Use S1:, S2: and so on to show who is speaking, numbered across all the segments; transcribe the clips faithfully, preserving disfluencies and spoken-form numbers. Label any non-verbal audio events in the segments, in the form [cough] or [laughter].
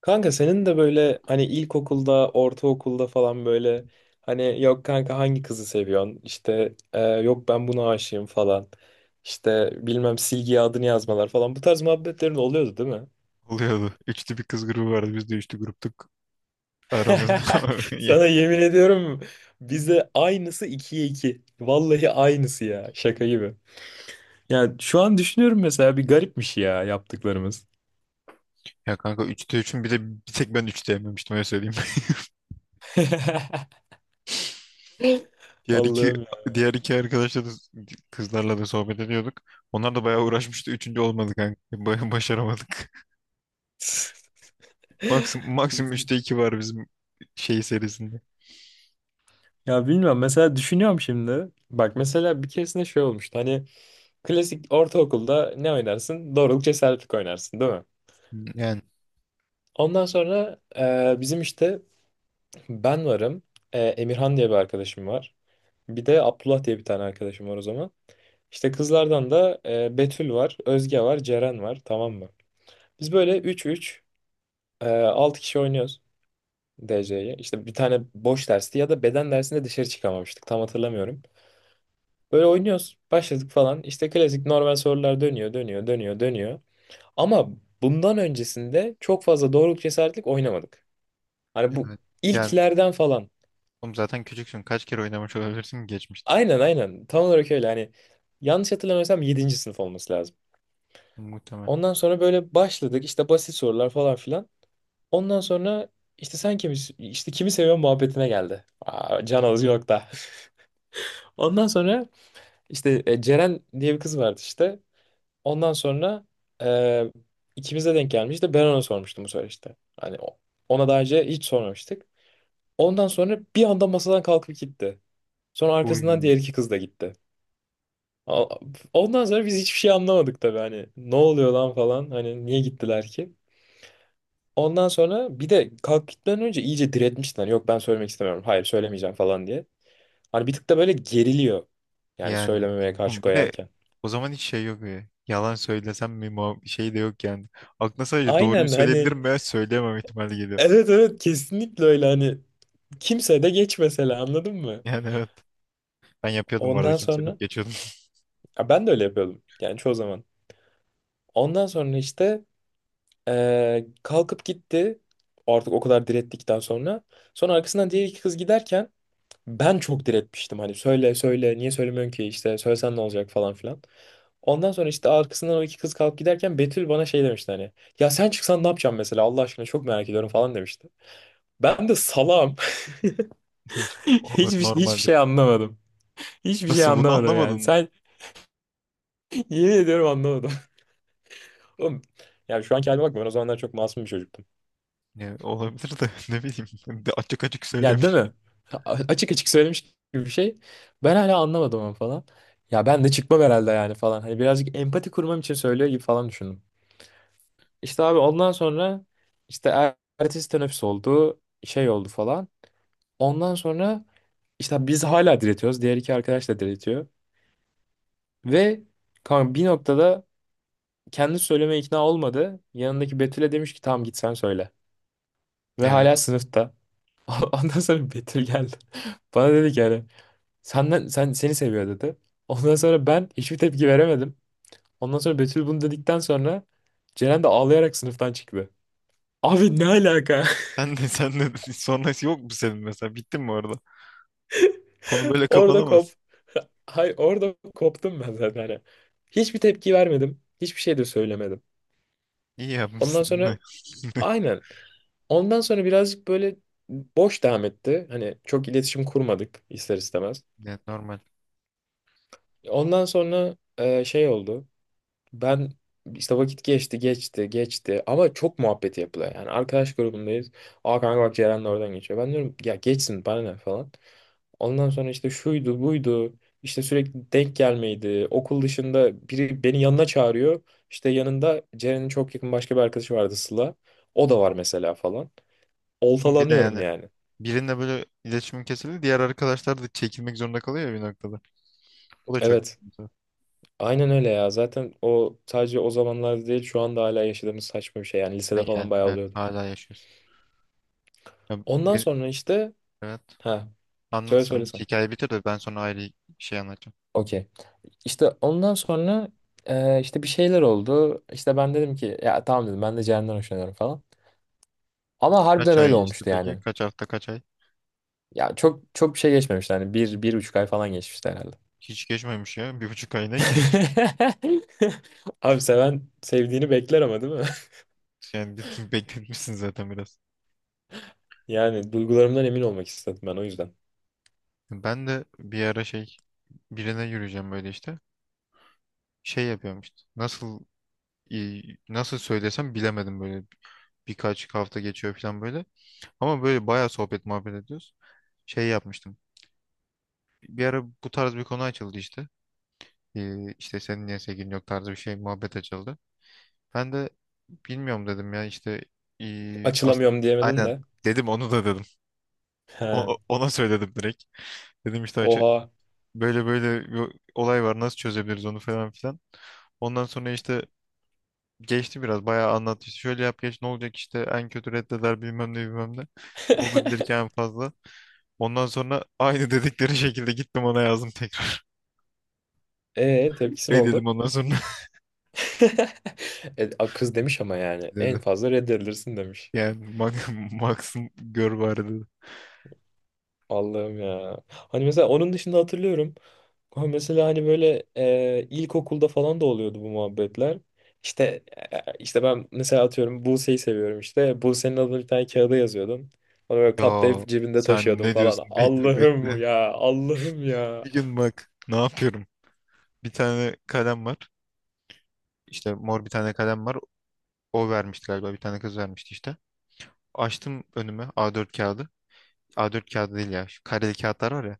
S1: Kanka senin de böyle hani ilkokulda, ortaokulda falan böyle hani yok kanka hangi kızı seviyorsun? İşte e, yok ben buna aşığım falan. İşte bilmem silgiye adını yazmalar falan. Bu tarz muhabbetlerin oluyordu değil mi?
S2: Oluyordu. Üçlü bir kız grubu vardı. Biz de üçlü gruptuk aramızda.
S1: [laughs]
S2: [laughs] Ya,
S1: Sana yemin ediyorum bize aynısı ikiye iki. Vallahi aynısı ya şaka gibi. Yani şu an düşünüyorum mesela bir garipmiş ya yaptıklarımız.
S2: ya kanka üçte üçün bir de bir tek ben üçte yememiştim öyle söyleyeyim.
S1: [laughs]
S2: Diğer iki
S1: Allah'ım ya.
S2: diğer iki arkadaşla da kızlarla da sohbet ediyorduk. Onlar da bayağı uğraşmıştı. Üçüncü olmadık kanka. Bayağı başaramadık. [laughs] Maksimum,
S1: [laughs] Biz,
S2: maksimum üçte iki var bizim şey serisinde.
S1: ya bilmiyorum mesela düşünüyorum şimdi. Bak mesela bir keresinde şey olmuştu. Hani klasik ortaokulda ne oynarsın? Doğruluk cesaretlik oynarsın değil mi?
S2: Yani
S1: Ondan sonra e, bizim işte ben varım. e, Emirhan diye bir arkadaşım var. Bir de Abdullah diye bir tane arkadaşım var o zaman. İşte kızlardan da e, Betül var, Özge var, Ceren var, tamam mı? Biz böyle üç üç e, altı kişi oynuyoruz D C'yi. İşte bir tane boş dersti ya da beden dersinde dışarı çıkamamıştık, tam hatırlamıyorum. Böyle oynuyoruz. Başladık falan. İşte klasik normal sorular dönüyor, dönüyor, dönüyor, dönüyor. Ama bundan öncesinde çok fazla doğruluk cesaretlik oynamadık. Hani bu
S2: evet. Yani
S1: ilklerden falan.
S2: oğlum zaten küçüksün. Kaç kere oynamış olabilirsin ki geçmişte?
S1: Aynen aynen. Tam olarak öyle. Hani yanlış hatırlamıyorsam yedinci sınıf olması lazım.
S2: Muhtemelen.
S1: Ondan sonra böyle başladık. İşte basit sorular falan filan. Ondan sonra işte sen kimi, işte kimi seviyorsun muhabbetine geldi. Aa, can alıcı nokta. [laughs] Ondan sonra işte e, Ceren diye bir kız vardı işte. Ondan sonra eee ikimize denk gelmişti. Ben ona sormuştum bu sefer işte. Hani o- ona daha önce hiç sormamıştık. Ondan sonra bir anda masadan kalkıp gitti. Sonra arkasından
S2: Uy.
S1: diğer iki kız da gitti. A- Ondan sonra biz hiçbir şey anlamadık tabii, hani ne oluyor lan falan, hani niye gittiler ki? Ondan sonra bir de kalk gitmeden önce iyice diretmişti, hani yok ben söylemek istemiyorum, hayır söylemeyeceğim falan diye. Hani bir tık da böyle geriliyor yani
S2: Yani
S1: söylememeye karşı
S2: oğlum bir de
S1: koyarken.
S2: o zaman hiç şey yok ya. Yalan söylesem mi muha- şey de yok yani. Aklına sadece doğruyu
S1: Aynen hani
S2: söyleyebilirim veya söyleyemem ihtimali geliyor.
S1: evet evet, kesinlikle öyle. Hani kimse de geç mesela, anladın mı?
S2: Yani evet. Ben yapıyordum bu arada
S1: Ondan sonra
S2: kimselik geçiyordum.
S1: ya ben de öyle yapıyordum yani çoğu zaman. Ondan sonra işte eee, kalkıp gitti. Artık o kadar direttikten sonra. Sonra arkasından diğer iki kız giderken ben çok diretmiştim. Hani söyle söyle, niye söylemiyorsun ki, işte söylesen ne olacak falan filan. Ondan sonra işte arkasından o iki kız kalkıp giderken Betül bana şey demişti hani. Ya sen çıksan ne yapacağım mesela, Allah aşkına çok merak ediyorum falan demişti. Ben de salam. [laughs]
S2: [laughs] Olur
S1: Hiçbir, hiçbir şey
S2: normaldir.
S1: anlamadım. Hiçbir şey
S2: Nasıl bunu
S1: anlamadım yani.
S2: anlamadın?
S1: Sen [laughs] yemin ediyorum anlamadım. [laughs] Oğlum, ya şu anki halime bakma, ben o zamanlar çok masum bir çocuktum.
S2: Ya, olabilir de [laughs] ne bileyim. Ben de açık açık
S1: Yani değil
S2: söylemiş.
S1: mi? A- Açık açık söylemiş gibi bir şey. Ben hala anlamadım onu falan. Ya ben de çıkmam herhalde yani falan. Hani birazcık empati kurmam için söylüyor gibi falan düşündüm. İşte abi ondan sonra işte er- ertesi teneffüs oldu. Şey oldu falan. Ondan sonra işte biz hala diretiyoruz. Diğer iki arkadaş da diretiyor. Ve kanka bir noktada kendi söylemeye ikna olmadı. Yanındaki Betül'e demiş ki tamam, git sen söyle. Ve hala
S2: Evet.
S1: sınıfta. [laughs] Ondan sonra Betül geldi. [laughs] Bana dedi ki yani senden, sen seni seviyor dedi. Ondan sonra ben hiçbir tepki veremedim. Ondan sonra Betül bunu dedikten sonra Ceren de ağlayarak sınıftan çıktı. Abi ne alaka?
S2: Sen de sen de [laughs] sonrası yok mu senin mesela? Bittin mi orada? Konu
S1: [laughs]
S2: böyle
S1: Orada kop.
S2: kapanamaz.
S1: [laughs] Hay orada koptum ben zaten. Hani hiçbir tepki vermedim. Hiçbir şey de söylemedim.
S2: İyi
S1: Ondan
S2: yapmışsın.
S1: sonra
S2: [laughs]
S1: aynen. Ondan sonra birazcık böyle boş devam etti. Hani çok iletişim kurmadık ister istemez.
S2: Evet, normal.
S1: Ondan sonra e, şey oldu. Ben işte vakit geçti geçti geçti ama çok muhabbeti yapılıyor. Yani arkadaş grubundayız. Aa kanka bak, Ceren de oradan geçiyor. Ben diyorum ya, geçsin bana ne falan. Ondan sonra işte şuydu buydu. İşte sürekli denk gelmeydi. Okul dışında biri beni yanına çağırıyor. İşte yanında Ceren'in çok yakın başka bir arkadaşı vardı, Sıla. O da var mesela falan.
S2: Ama bir de
S1: Oltalanıyorum
S2: yani
S1: yani.
S2: birinle böyle iletişimin kesildi. Diğer arkadaşlar da çekilmek zorunda kalıyor ya bir noktada. O da çok
S1: Evet.
S2: kötü.
S1: Aynen öyle ya. Zaten o sadece o zamanlar değil, şu anda hala yaşadığımız saçma bir şey. Yani
S2: Ha,
S1: lisede
S2: yani
S1: falan bayağı
S2: evet
S1: oluyordu.
S2: hala yaşıyorsun. Ya,
S1: Ondan
S2: bir,
S1: sonra işte
S2: evet.
S1: ha.
S2: Anlat
S1: Söyle söyle
S2: sen.
S1: sen.
S2: Hikaye bitir de ben sonra ayrı bir şey anlatacağım.
S1: Okey. İşte ondan sonra e, işte bir şeyler oldu. İşte ben dedim ki, ya tamam dedim, ben de Ceren'den hoşlanıyorum falan. Ama
S2: Kaç
S1: harbiden
S2: ay
S1: öyle
S2: geçti
S1: olmuştu
S2: peki?
S1: yani.
S2: Kaç hafta kaç ay?
S1: Ya çok çok bir şey geçmemişti, hani bir, bir buçuk ay falan geçmişti herhalde.
S2: Hiç geçmemiş ya. Bir buçuk ay ne ki?
S1: [laughs] Abi seven sevdiğini bekler ama, değil mi? [laughs]
S2: Yani bir- [laughs] bekletmişsin zaten biraz.
S1: Yani duygularımdan emin olmak istedim ben o yüzden.
S2: Ben de bir ara şey birine yürüyeceğim böyle işte. Şey yapıyorum işte. Nasıl e, nasıl söylesem bilemedim böyle. Birkaç hafta geçiyor falan böyle. Ama böyle bayağı sohbet muhabbet ediyoruz. Şey yapmıştım. Bir ara bu tarz bir konu açıldı işte. Ee, işte senin niye sevgilin yok tarzı bir şey muhabbet açıldı. Ben de bilmiyorum dedim ya işte ee, as-
S1: Açılamıyorum diyemedin
S2: aynen
S1: de.
S2: dedim onu da dedim.
S1: He.
S2: O- o- ona söyledim direkt. Dedim işte
S1: Oha.
S2: böyle böyle bir olay var nasıl çözebiliriz onu falan filan. Ondan sonra işte geçti biraz bayağı anlattı. İşte şöyle yap geç ne olacak işte en kötü reddeder bilmem ne bilmem ne. Ne olabilir ki
S1: [laughs]
S2: en fazla. Ondan sonra aynı [laughs] dedikleri şekilde gittim ona yazdım tekrar.
S1: E
S2: [laughs]
S1: tepkisin
S2: Reddedim
S1: oldu.
S2: ondan sonra [laughs]
S1: [laughs] E, a- kız demiş ama yani en
S2: dedi.
S1: fazla reddedilirsin demiş.
S2: Yani Max, [laughs] Max'ın gör bari dedi.
S1: Allah'ım ya. Hani mesela onun dışında hatırlıyorum. Ha, mesela hani böyle e, ilkokulda falan da oluyordu bu muhabbetler. İşte e, işte ben mesela atıyorum Buse'yi seviyorum işte. Buse'nin adını bir tane kağıda yazıyordum. Onu böyle
S2: Ya
S1: katlayıp cebinde
S2: sen
S1: taşıyordum
S2: ne
S1: falan.
S2: diyorsun bekle bekle.
S1: Allah'ım ya, Allah'ım ya.
S2: Bir gün bak ne yapıyorum. Bir tane kalem var. İşte mor bir tane kalem var. O vermişti galiba bir tane kız vermişti işte. Açtım önüme A dört kağıdı. A dört kağıdı değil ya. Şu kareli kağıtlar var ya.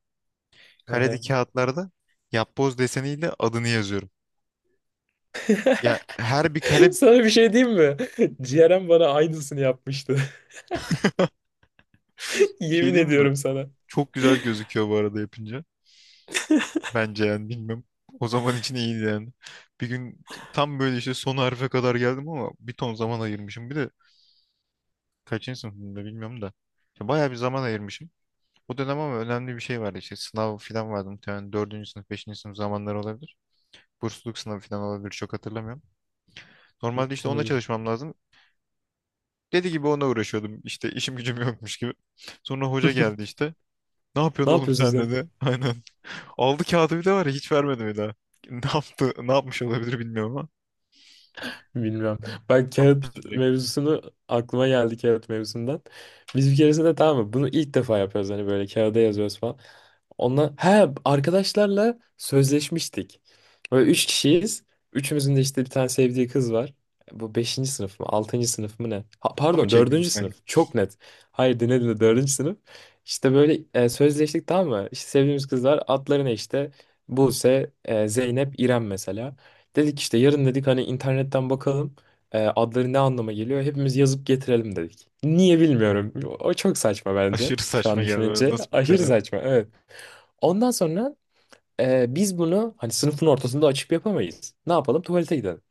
S2: Kareli
S1: Aha.
S2: kağıtlarda yapboz deseniyle adını yazıyorum. Ya her bir
S1: [laughs]
S2: kare
S1: Sana bir şey diyeyim mi? [laughs] Ciğerem bana aynısını yapmıştı. [laughs]
S2: şey
S1: Yemin
S2: diyeyim mi?
S1: ediyorum sana.
S2: Çok güzel gözüküyor bu arada yapınca. Bence yani bilmem. O zaman için iyiydi yani. Bir gün tam böyle işte son harfe kadar geldim ama bir ton zaman ayırmışım. Bir de kaçıncı sınıfımda bilmiyorum da. İşte bayağı bir zaman ayırmışım. O dönem ama önemli bir şey vardı işte sınav falan vardı muhtemelen dördüncü sınıf, beşinci sınıf zamanları olabilir. Bursluluk sınavı falan olabilir çok hatırlamıyorum.
S1: Hı,
S2: Normalde işte onunla
S1: olabilir.
S2: çalışmam lazım. Dedi gibi ona uğraşıyordum. İşte işim gücüm yokmuş gibi. Sonra hoca geldi
S1: [laughs]
S2: işte. Ne
S1: Ne
S2: yapıyorsun oğlum
S1: yapıyorsun
S2: sen
S1: sen?
S2: dedi. [laughs] Aynen. Aldı kağıdı bir de var ya hiç vermedi bir daha. [laughs] Ne yaptı, ne yapmış olabilir bilmiyorum ama.
S1: Bilmiyorum. Ben kağıt
S2: Atmıştı direkt.
S1: mevzusunu aklıma geldi kağıt mevzusundan. Biz bir keresinde, tamam mı? Bunu ilk defa yapıyoruz, hani böyle kağıda yazıyoruz falan. Onunla he arkadaşlarla sözleşmiştik. Böyle üç kişiyiz. Üçümüzün de işte bir tane sevdiği kız var. Bu beşinci sınıf mı? Altıncı sınıf mı ne? Ha,
S2: Fıra mı
S1: pardon,
S2: çektiniz
S1: dördüncü
S2: kanka?
S1: sınıf. Çok net. Hayır dinle dinle, dördüncü sınıf. İşte böyle e, sözleştik, tamam mı? İşte sevdiğimiz kızlar, adları ne işte? Buse, e, Zeynep, İrem mesela. Dedik işte yarın dedik hani, internetten bakalım. E, adları ne anlama geliyor? Hepimiz yazıp getirelim dedik. Niye bilmiyorum. O çok saçma bence.
S2: Aşırı
S1: Şu
S2: saçma
S1: an
S2: geldi böyle.
S1: düşününce
S2: Nasıl
S1: [laughs]
S2: bir
S1: aşırı
S2: karar?
S1: saçma. Evet. Ondan sonra e, biz bunu hani sınıfın ortasında açıp yapamayız. Ne yapalım? Tuvalete gidelim.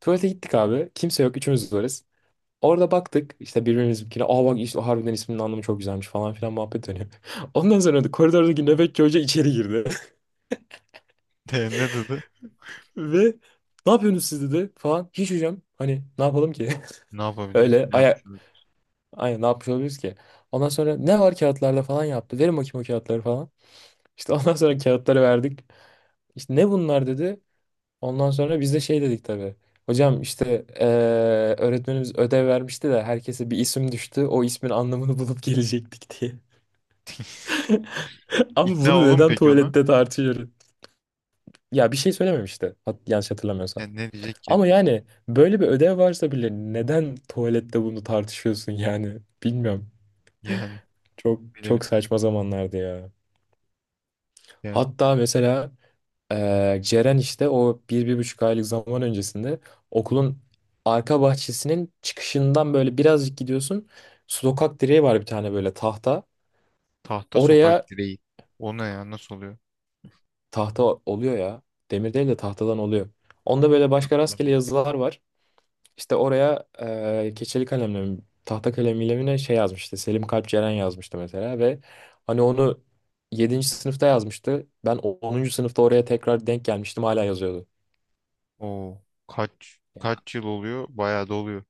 S1: Tuvalete gittik abi. Kimse yok. Üçümüz varız. Orada baktık işte birbirimizinkine. Aa bak işte harbiden isminin anlamı çok güzelmiş falan filan muhabbet dönüyor. [laughs] Ondan sonra da koridordaki nöbetçi hoca içeri girdi.
S2: [laughs] E, ne dedi?
S1: [laughs] Ve ne yapıyorsunuz siz dedi falan. Hiç hocam, hani ne yapalım ki?
S2: Ne
S1: [laughs]
S2: yapabiliriz
S1: Öyle
S2: ki? Ne
S1: aya
S2: yapmış olabilir?
S1: aynen, ne yapmış olabiliriz ki? Ondan sonra ne var kağıtlarda falan yaptı. Verin bakayım o kağıtları falan. İşte ondan sonra kağıtları verdik. İşte ne bunlar dedi. Ondan sonra biz de şey dedik tabii. Hocam işte eee, öğretmenimiz ödev vermişti de herkese bir isim düştü. O ismin anlamını [laughs] bulup gelecektik diye. [laughs] Ama
S2: İkna
S1: bunu
S2: olur
S1: neden
S2: peki ona?
S1: tuvalette tartışıyoruz? Ya bir şey söylememişti. Hat yanlış hatırlamıyorsam.
S2: Yani ne diyecek ki?
S1: Ama yani böyle bir ödev varsa bile neden tuvalette bunu tartışıyorsun yani? Bilmiyorum.
S2: Yani
S1: Çok çok
S2: bilemedik.
S1: saçma zamanlardı ya.
S2: Ya
S1: Hatta mesela Ee, Ceren işte o bir, bir buçuk aylık zaman öncesinde okulun arka bahçesinin çıkışından böyle birazcık gidiyorsun. Sokak direği var bir tane, böyle tahta.
S2: tahta sokak
S1: Oraya
S2: direği. O ne ya? Nasıl oluyor?
S1: tahta oluyor ya. Demir değil de tahtadan oluyor. Onda böyle başka rastgele
S2: Hatırlamıyorum.
S1: yazılar var. İşte oraya e, keçeli kalemle mi, tahta kalemiyle mi ne şey yazmıştı. Selim Kalp Ceren yazmıştı mesela ve hani onu yedinci sınıfta yazmıştı. Ben onuncu sınıfta oraya tekrar denk gelmiştim, hala yazıyordu.
S2: Oo. Kaç kaç yıl oluyor? Bayağı da oluyor.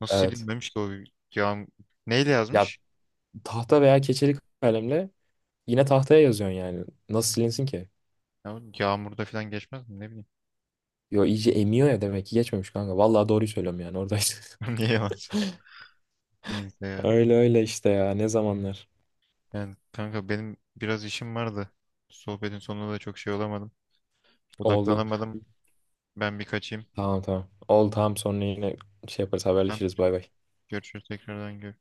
S2: Nasıl
S1: Evet.
S2: silinmemiş ki o yağm neyle
S1: Ya
S2: yazmış?
S1: tahta veya keçeli kalemle yine tahtaya yazıyorsun yani. Nasıl silinsin ki?
S2: Ya, yağmurda falan geçmez mi? Ne bileyim.
S1: Yo iyice emiyor ya, demek ki geçmemiş kanka. Vallahi doğruyu söylüyorum, yani oradaydı.
S2: [laughs]
S1: [laughs]
S2: Niye yalan söylüyorsun? Neyse ya.
S1: Öyle öyle işte ya, ne zamanlar.
S2: Yani kanka benim biraz işim vardı. Sohbetin sonunda da çok şey olamadım.
S1: Oldu.
S2: Odaklanamadım. Ben bir kaçayım.
S1: Tamam tamam. Oldu tamam, sonra yine şey yaparız,
S2: Tamam.
S1: haberleşiriz, bay bay.
S2: Görüşürüz tekrardan. Görüşürüz.